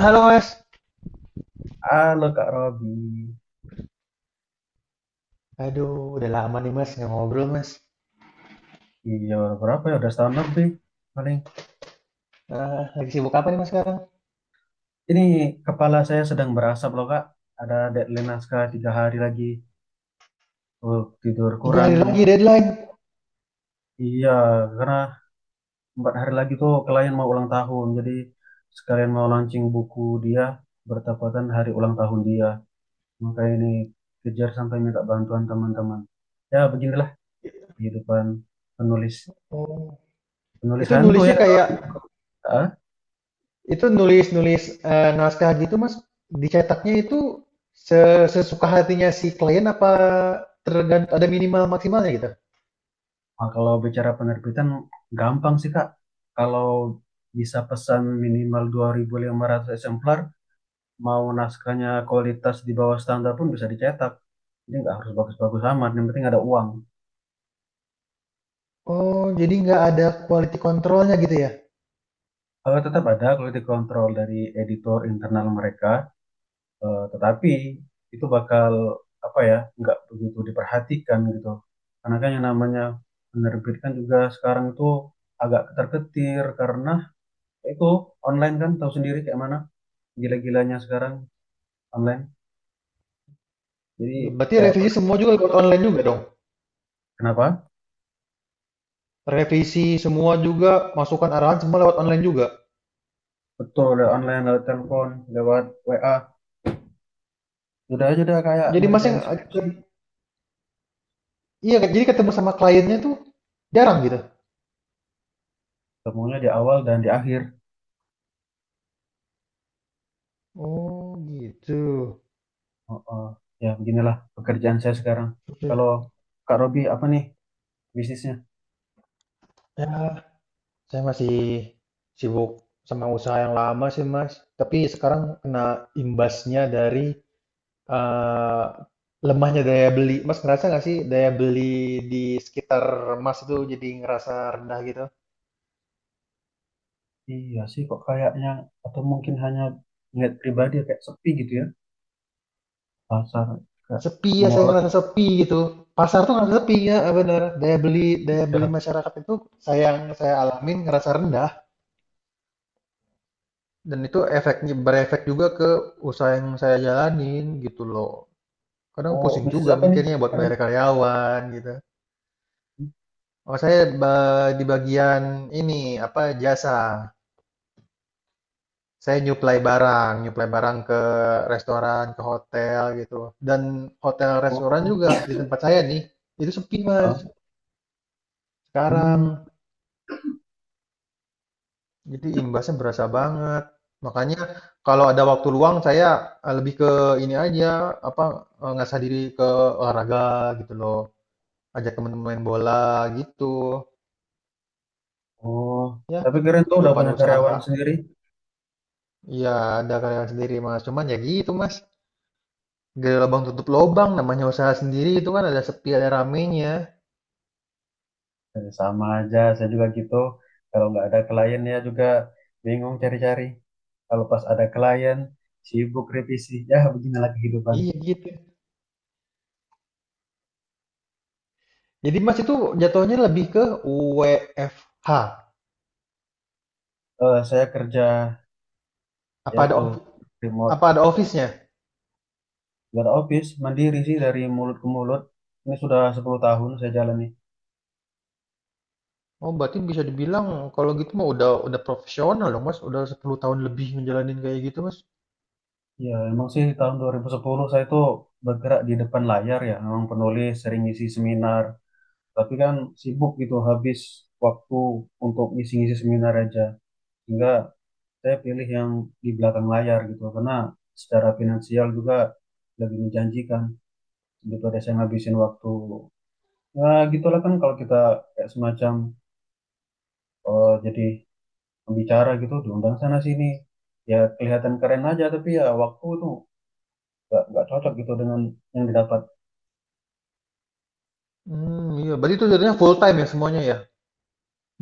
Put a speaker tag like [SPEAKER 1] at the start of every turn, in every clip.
[SPEAKER 1] Halo Mas.
[SPEAKER 2] Halo Kak Robi,
[SPEAKER 1] Aduh, udah lama nih Mas nggak ngobrol Mas.
[SPEAKER 2] iya, berapa ya? Udah setahun lebih paling.
[SPEAKER 1] Lagi sibuk apa nih Mas sekarang?
[SPEAKER 2] Ini kepala saya sedang berasap loh Kak. Ada deadline naskah 3 hari lagi. Oh, tidur
[SPEAKER 1] Tiga
[SPEAKER 2] kurang
[SPEAKER 1] hari
[SPEAKER 2] ini.
[SPEAKER 1] lagi deadline.
[SPEAKER 2] Iya, karena 4 hari lagi tuh klien mau ulang tahun. Jadi sekalian mau launching buku dia bertepatan hari ulang tahun dia. Maka ini kejar sampai minta bantuan teman-teman. Ya beginilah kehidupan penulis.
[SPEAKER 1] Oh,
[SPEAKER 2] Penulis
[SPEAKER 1] itu
[SPEAKER 2] hantu ya
[SPEAKER 1] nulisnya
[SPEAKER 2] kata
[SPEAKER 1] kayak
[SPEAKER 2] orang.
[SPEAKER 1] itu nulis-nulis naskah gitu Mas. Dicetaknya itu sesuka hatinya si klien apa tergantung ada minimal maksimalnya gitu?
[SPEAKER 2] Nah, kalau bicara penerbitan gampang sih Kak. Kalau bisa pesan minimal 2.500 eksemplar, mau naskahnya kualitas di bawah standar pun bisa dicetak. Jadi nggak harus bagus-bagus amat, yang penting ada uang.
[SPEAKER 1] Oh, jadi nggak ada quality controlnya gitu ya?
[SPEAKER 2] Kalau tetap ada quality control dari editor internal mereka, tetapi itu bakal apa ya, nggak begitu diperhatikan gitu. Karena kan yang namanya penerbitkan juga sekarang itu agak ketar-ketir karena itu online kan tahu sendiri kayak mana. Gila-gilanya sekarang online. Jadi
[SPEAKER 1] Ya, berarti
[SPEAKER 2] ya
[SPEAKER 1] revisi
[SPEAKER 2] pernah
[SPEAKER 1] semua
[SPEAKER 2] ikut.
[SPEAKER 1] juga lewat online juga dong?
[SPEAKER 2] Kenapa?
[SPEAKER 1] Revisi semua juga, masukan arahan semua lewat online juga.
[SPEAKER 2] Betul lewat online, lewat telepon, lewat WA. Sudah aja udah kayak
[SPEAKER 1] Jadi Mas yang
[SPEAKER 2] ngerjain skripsi,
[SPEAKER 1] iya, jadi ketemu sama kliennya tuh jarang gitu?
[SPEAKER 2] temunya di awal dan di akhir.
[SPEAKER 1] Oh, gitu.
[SPEAKER 2] Oh, oh. Ya beginilah pekerjaan saya sekarang.
[SPEAKER 1] Mhm.
[SPEAKER 2] Kalau Kak Robi apa nih bisnisnya?
[SPEAKER 1] Ya, saya masih sibuk sama usaha yang lama sih, Mas. Tapi sekarang kena imbasnya dari, eee, lemahnya daya beli. Mas ngerasa nggak sih daya beli di sekitar Mas itu jadi ngerasa rendah gitu?
[SPEAKER 2] Iya sih kok kayaknya, atau mungkin hanya ngeliat pribadi kayak sepi gitu ya, pasar kayak
[SPEAKER 1] Sepi ya, saya
[SPEAKER 2] mall atau.
[SPEAKER 1] ngerasa sepi gitu. Pasar tuh ngerasa sepi, ya benar? Daya beli masyarakat itu saya yang saya alamin ngerasa rendah. Dan itu efeknya berefek juga ke usaha yang saya jalanin gitu loh. Kadang
[SPEAKER 2] Oh,
[SPEAKER 1] pusing
[SPEAKER 2] bisnis
[SPEAKER 1] juga
[SPEAKER 2] apa nih
[SPEAKER 1] mikirnya buat
[SPEAKER 2] sekarang?
[SPEAKER 1] bayar karyawan gitu. Oh, saya di bagian ini apa jasa. Saya nyuplai barang ke restoran, ke hotel gitu. Dan hotel restoran
[SPEAKER 2] Oh,
[SPEAKER 1] juga di tempat saya nih itu sepi Mas
[SPEAKER 2] ah, hmm.
[SPEAKER 1] sekarang. Jadi imbasnya berasa banget. Makanya kalau ada waktu luang saya, lebih ke ini aja, apa, ngasah diri ke olahraga gitu loh, ajak temen main bola gitu.
[SPEAKER 2] Oh,
[SPEAKER 1] Ya
[SPEAKER 2] tapi keren tuh udah
[SPEAKER 1] kehidupan
[SPEAKER 2] punya
[SPEAKER 1] usaha
[SPEAKER 2] karyawan sendiri.
[SPEAKER 1] ya ada kerenan sendiri, Mas, cuman ya gitu, Mas, gali lubang tutup lubang. Namanya usaha sendiri itu kan ada sepi ada ramenya.
[SPEAKER 2] Sama aja, saya juga gitu. Kalau nggak ada klien ya juga bingung cari-cari. Kalau pas ada klien, sibuk revisi. Ya, beginilah kehidupan.
[SPEAKER 1] Iya gitu. Jadi, Mas, itu jatuhnya lebih ke WFH?
[SPEAKER 2] Saya kerja, ya
[SPEAKER 1] Apa ada
[SPEAKER 2] itu,
[SPEAKER 1] ofi
[SPEAKER 2] remote.
[SPEAKER 1] apa ada office-nya?
[SPEAKER 2] Nggak ada office, mandiri sih dari mulut ke mulut. Ini sudah 10 tahun saya jalani.
[SPEAKER 1] Oh, berarti bisa dibilang kalau gitu mah udah profesional dong, Mas. Udah 10 tahun lebih ngejalanin kayak gitu, Mas.
[SPEAKER 2] Ya, emang sih tahun 2010 saya itu bergerak di depan layar ya. Memang penulis, sering ngisi seminar. Tapi kan sibuk gitu, habis waktu untuk ngisi-ngisi seminar aja. Sehingga saya pilih yang di belakang layar gitu, karena secara finansial juga lebih menjanjikan daripada saya ngabisin waktu. Ya gitulah kan, kalau kita kayak semacam jadi pembicara gitu diundang sana sini, ya kelihatan keren aja, tapi ya waktu tuh nggak cocok gitu dengan yang didapat.
[SPEAKER 1] Hmm, iya. Berarti itu jadinya full time ya semuanya ya.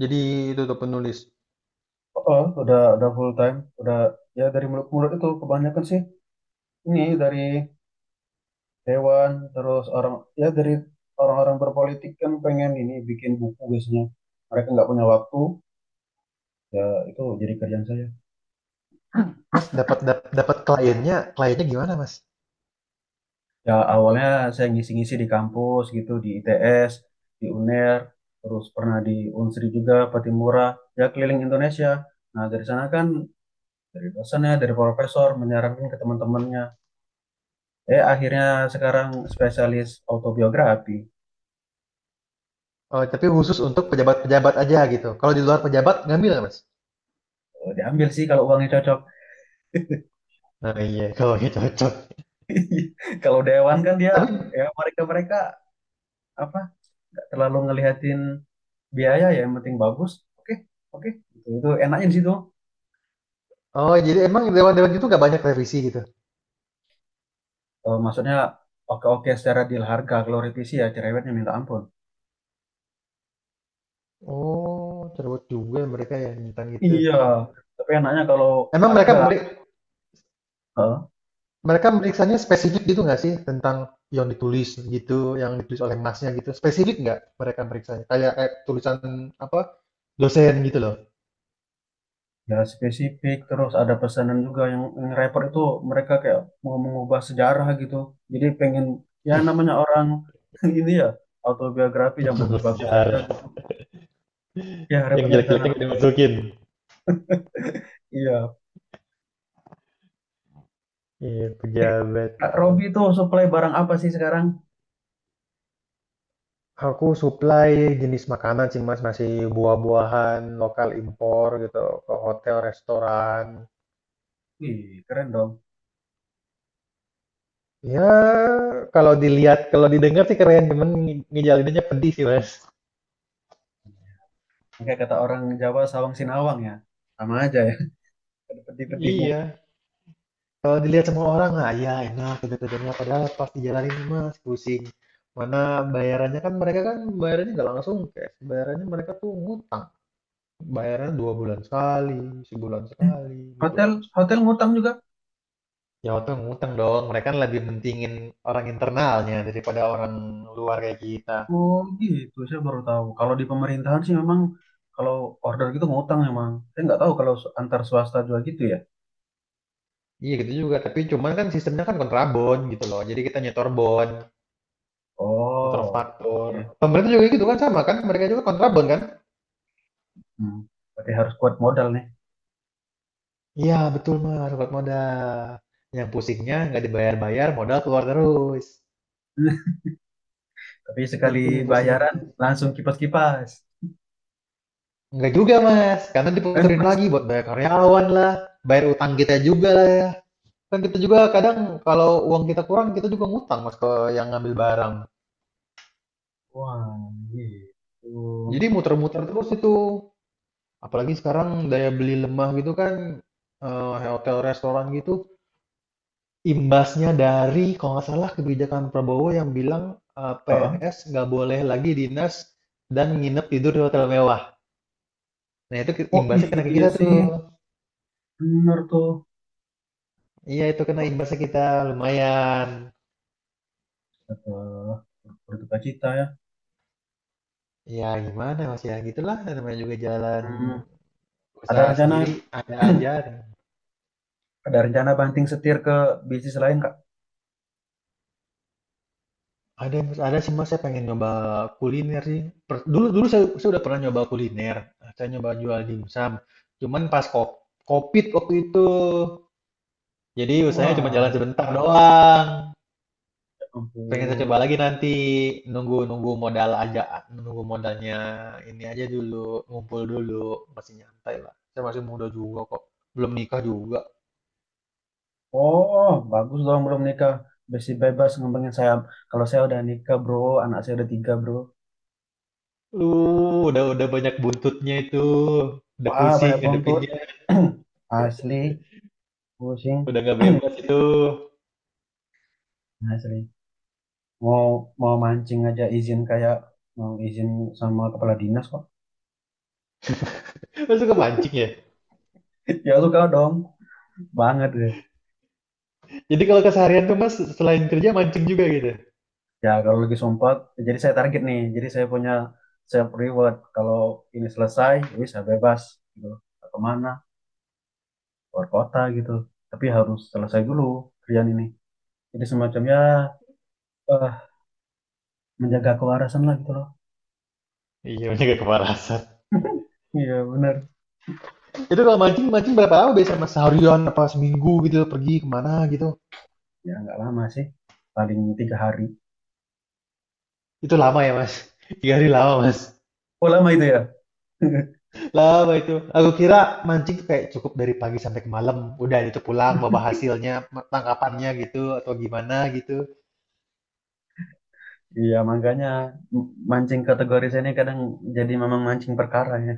[SPEAKER 1] Jadi itu tuh penulis.
[SPEAKER 2] Oh, oh, udah full time udah, ya dari mulut mulut itu kebanyakan sih. Ini dari Dewan, terus orang, ya dari orang-orang berpolitik kan pengen ini bikin buku biasanya. Mereka nggak punya waktu, ya itu jadi kerjaan saya.
[SPEAKER 1] Mas dapat dapat kliennya, kliennya gimana, Mas?
[SPEAKER 2] Ya awalnya saya ngisi-ngisi di kampus gitu, di ITS, di UNER, terus pernah di Unsri juga, Patimura, ya keliling Indonesia. Nah, dari sana kan dari dosennya, dari profesor menyarankan ke teman-temannya. Akhirnya sekarang spesialis autobiografi.
[SPEAKER 1] Oh, tapi khusus untuk pejabat-pejabat aja gitu. Kalau di luar pejabat ngambil nggak, Mas?
[SPEAKER 2] Diambil sih kalau uangnya cocok.
[SPEAKER 1] Nah iya kalau gitu cocok.
[SPEAKER 2] Kalau dewan kan dia,
[SPEAKER 1] Tapi
[SPEAKER 2] ya mereka mereka apa, nggak terlalu ngelihatin biaya, ya yang penting bagus, oke oke gitu. Itu enaknya di situ.
[SPEAKER 1] oh, jadi emang dewan-dewan itu nggak banyak revisi gitu.
[SPEAKER 2] Maksudnya oke oke secara deal harga, kalau revisi ya cerewetnya minta ampun.
[SPEAKER 1] Oh, cerewet juga mereka ya tentang gitu.
[SPEAKER 2] Iya, tapi enaknya kalau
[SPEAKER 1] Emang mereka
[SPEAKER 2] harga
[SPEAKER 1] mereka
[SPEAKER 2] eh,
[SPEAKER 1] Mereka meriksanya spesifik gitu nggak sih? Tentang yang ditulis gitu, yang ditulis oleh Masnya gitu. Spesifik nggak mereka meriksanya? Kayak kayak tulisan apa dosen gitu loh.
[SPEAKER 2] ya spesifik. Terus ada pesanan juga yang repot itu, mereka kayak mau mengubah sejarah gitu, jadi pengen, ya namanya orang ini, ya autobiografi yang bagus-bagus aja
[SPEAKER 1] Bersejarah.
[SPEAKER 2] gitu. Ya
[SPEAKER 1] Yang
[SPEAKER 2] repotnya di sana
[SPEAKER 1] jelek-jeleknya
[SPEAKER 2] lah.
[SPEAKER 1] nggak dimasukin.
[SPEAKER 2] Iya.
[SPEAKER 1] Iya,
[SPEAKER 2] Eh,
[SPEAKER 1] pejabat.
[SPEAKER 2] Kak Robi tuh supply barang apa sih sekarang?
[SPEAKER 1] Aku supply jenis makanan sih Mas, masih buah-buahan, lokal impor gitu, ke hotel, restoran.
[SPEAKER 2] Wih, keren dong.
[SPEAKER 1] Ya, kalau dilihat, kalau didengar sih keren, cuman ngejalinnya pedih sih Mas.
[SPEAKER 2] Kayak kata orang Jawa, sawang sinawang ya. Sama aja ya, ada pedih-pedihnya.
[SPEAKER 1] Iya, kalau dilihat semua orang, ah ya enak kerja-kerjanya. Padahal pas dijalanin mas, pusing. Mana bayarannya kan mereka kan bayarannya nggak langsung cash. Bayarannya mereka tuh ngutang. Bayarannya 2 bulan sekali, sebulan sekali gitu loh
[SPEAKER 2] Hotel,
[SPEAKER 1] mas.
[SPEAKER 2] hotel ngutang juga?
[SPEAKER 1] Ya waktu ngutang dong. Mereka kan lebih mentingin orang internalnya daripada orang luar kayak kita.
[SPEAKER 2] Oh gitu, saya baru tahu. Kalau di pemerintahan sih memang, kalau order gitu ngutang memang. Saya nggak tahu kalau antar swasta juga gitu ya.
[SPEAKER 1] Iya gitu juga. Tapi cuman kan sistemnya kan kontrabon gitu loh. Jadi kita nyetor bon, nyetor
[SPEAKER 2] Oh, oke.
[SPEAKER 1] faktur.
[SPEAKER 2] Oke.
[SPEAKER 1] Pemerintah juga gitu kan sama kan? Mereka juga kontrabon kan?
[SPEAKER 2] Hmm, berarti harus kuat modal nih.
[SPEAKER 1] Iya, betul Mas, kuat modal. Yang pusingnya nggak dibayar-bayar, modal keluar terus.
[SPEAKER 2] Tapi sekali
[SPEAKER 1] Itu yang pusingnya
[SPEAKER 2] bayaran
[SPEAKER 1] Mas.
[SPEAKER 2] langsung kipas-kipas.
[SPEAKER 1] Nggak juga Mas, karena diputerin lagi buat bayar karyawan lah, bayar utang kita juga lah. Ya. Kan kita juga kadang kalau uang kita kurang, kita juga ngutang Mas ke yang ngambil barang.
[SPEAKER 2] Wah, gitu.
[SPEAKER 1] Jadi muter-muter terus itu. Apalagi sekarang daya beli lemah gitu kan, hotel restoran gitu. Imbasnya dari kalau nggak salah kebijakan Prabowo yang bilang,
[SPEAKER 2] Heeh.
[SPEAKER 1] PNS nggak boleh lagi dinas dan nginep tidur di hotel mewah. Nah itu ke
[SPEAKER 2] Oh
[SPEAKER 1] imbasnya kena ke
[SPEAKER 2] iya
[SPEAKER 1] kita tuh.
[SPEAKER 2] sih, bener tuh.
[SPEAKER 1] Iya itu kena imbasnya kita, lumayan.
[SPEAKER 2] eh, Berduka cita ya.
[SPEAKER 1] Ya gimana Mas ya, gitulah namanya juga jalan
[SPEAKER 2] Hmm, ada
[SPEAKER 1] usaha sendiri,
[SPEAKER 2] rencana
[SPEAKER 1] ada aja.
[SPEAKER 2] Ada rencana banting setir ke bisnis lain Kak?
[SPEAKER 1] Ada Mas, ada sih Mas, saya pengen nyoba kuliner sih. Per dulu dulu saya udah pernah nyoba kuliner, saya nyoba jual dimsum, cuman pas ko Covid waktu itu. Jadi usahanya cuma jalan
[SPEAKER 2] Wah,
[SPEAKER 1] sebentar doang.
[SPEAKER 2] ya
[SPEAKER 1] Pengen saya
[SPEAKER 2] ampun.
[SPEAKER 1] coba lagi nanti nunggu nunggu modal aja, nunggu modalnya ini aja dulu, ngumpul dulu, masih nyantai lah. Saya masih muda juga kok, belum nikah juga.
[SPEAKER 2] Oh, bagus dong belum nikah. Besi bebas ngembangin saya. Kalau saya udah nikah, bro. Anak saya udah tiga, bro.
[SPEAKER 1] Lu udah banyak buntutnya itu, udah
[SPEAKER 2] Wah,
[SPEAKER 1] pusing
[SPEAKER 2] banyak bontot.
[SPEAKER 1] ngadepinnya,
[SPEAKER 2] Asli, pusing.
[SPEAKER 1] udah nggak bebas itu.
[SPEAKER 2] Asli. Mau mau mancing aja izin, kayak mau izin sama kepala dinas kok.
[SPEAKER 1] Mas suka mancing ya?
[SPEAKER 2] Ya suka dong. Banget ya.
[SPEAKER 1] Jadi kalau keseharian tuh mas selain kerja mancing juga gitu.
[SPEAKER 2] Ya, kalau lagi sempat, jadi saya target nih. Jadi saya punya self reward. Kalau ini selesai, wih saya bebas gitu. Nggak kemana? Keluar kota gitu. Tapi harus selesai dulu kerjaan ini. Jadi semacamnya eh, menjaga kewarasan lah gitu loh.
[SPEAKER 1] Iya, banyak gak kepanasan.
[SPEAKER 2] Iya benar.
[SPEAKER 1] Itu kalau mancing, mancing berapa lama biasanya mas? Seharian apa seminggu gitu pergi kemana gitu?
[SPEAKER 2] Ya nggak lama sih. Paling 3 hari.
[SPEAKER 1] Itu lama ya Mas? Tiga hari lama Mas.
[SPEAKER 2] Oh lama itu ya?
[SPEAKER 1] Lama itu. Aku kira mancing tuh kayak cukup dari pagi sampai ke malam. Udah itu pulang bawa hasilnya, tangkapannya gitu atau gimana gitu.
[SPEAKER 2] Iya makanya mancing kategori saya ini kadang jadi memang mancing perkara ya.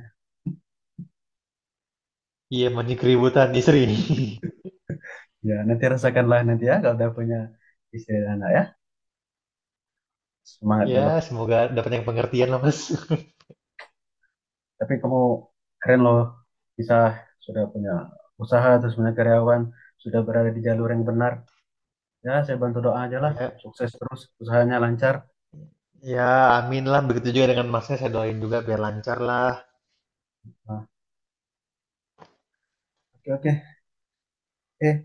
[SPEAKER 1] Iya mancing keributan istri.
[SPEAKER 2] Ya nanti rasakanlah nanti ya, kalau udah punya istri dan anak ya. Semangat
[SPEAKER 1] Ya
[SPEAKER 2] dulu.
[SPEAKER 1] semoga dapat yang pengertian lah Mas.
[SPEAKER 2] Tapi kamu keren loh, bisa sudah punya usaha, terus punya karyawan, sudah berada di jalur yang benar. Ya, saya bantu doa aja lah,
[SPEAKER 1] Ya,
[SPEAKER 2] sukses terus, usahanya lancar.
[SPEAKER 1] ya amin lah. Begitu juga dengan Masnya saya doain juga biar lancar lah.
[SPEAKER 2] Nah, oke oke. Eh,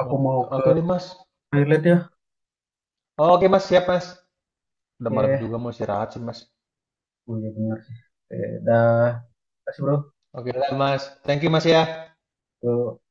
[SPEAKER 2] aku mau
[SPEAKER 1] Oke,
[SPEAKER 2] ke
[SPEAKER 1] oke deh Mas.
[SPEAKER 2] toilet ya.
[SPEAKER 1] Oh, oke Mas siap Mas. Udah malam
[SPEAKER 2] Eh,
[SPEAKER 1] juga mau istirahat sih Mas.
[SPEAKER 2] oh iya benar sih. Dah. Terima kasih bro.
[SPEAKER 1] Oke lah Mas. Thank you Mas ya.
[SPEAKER 2] Yuk.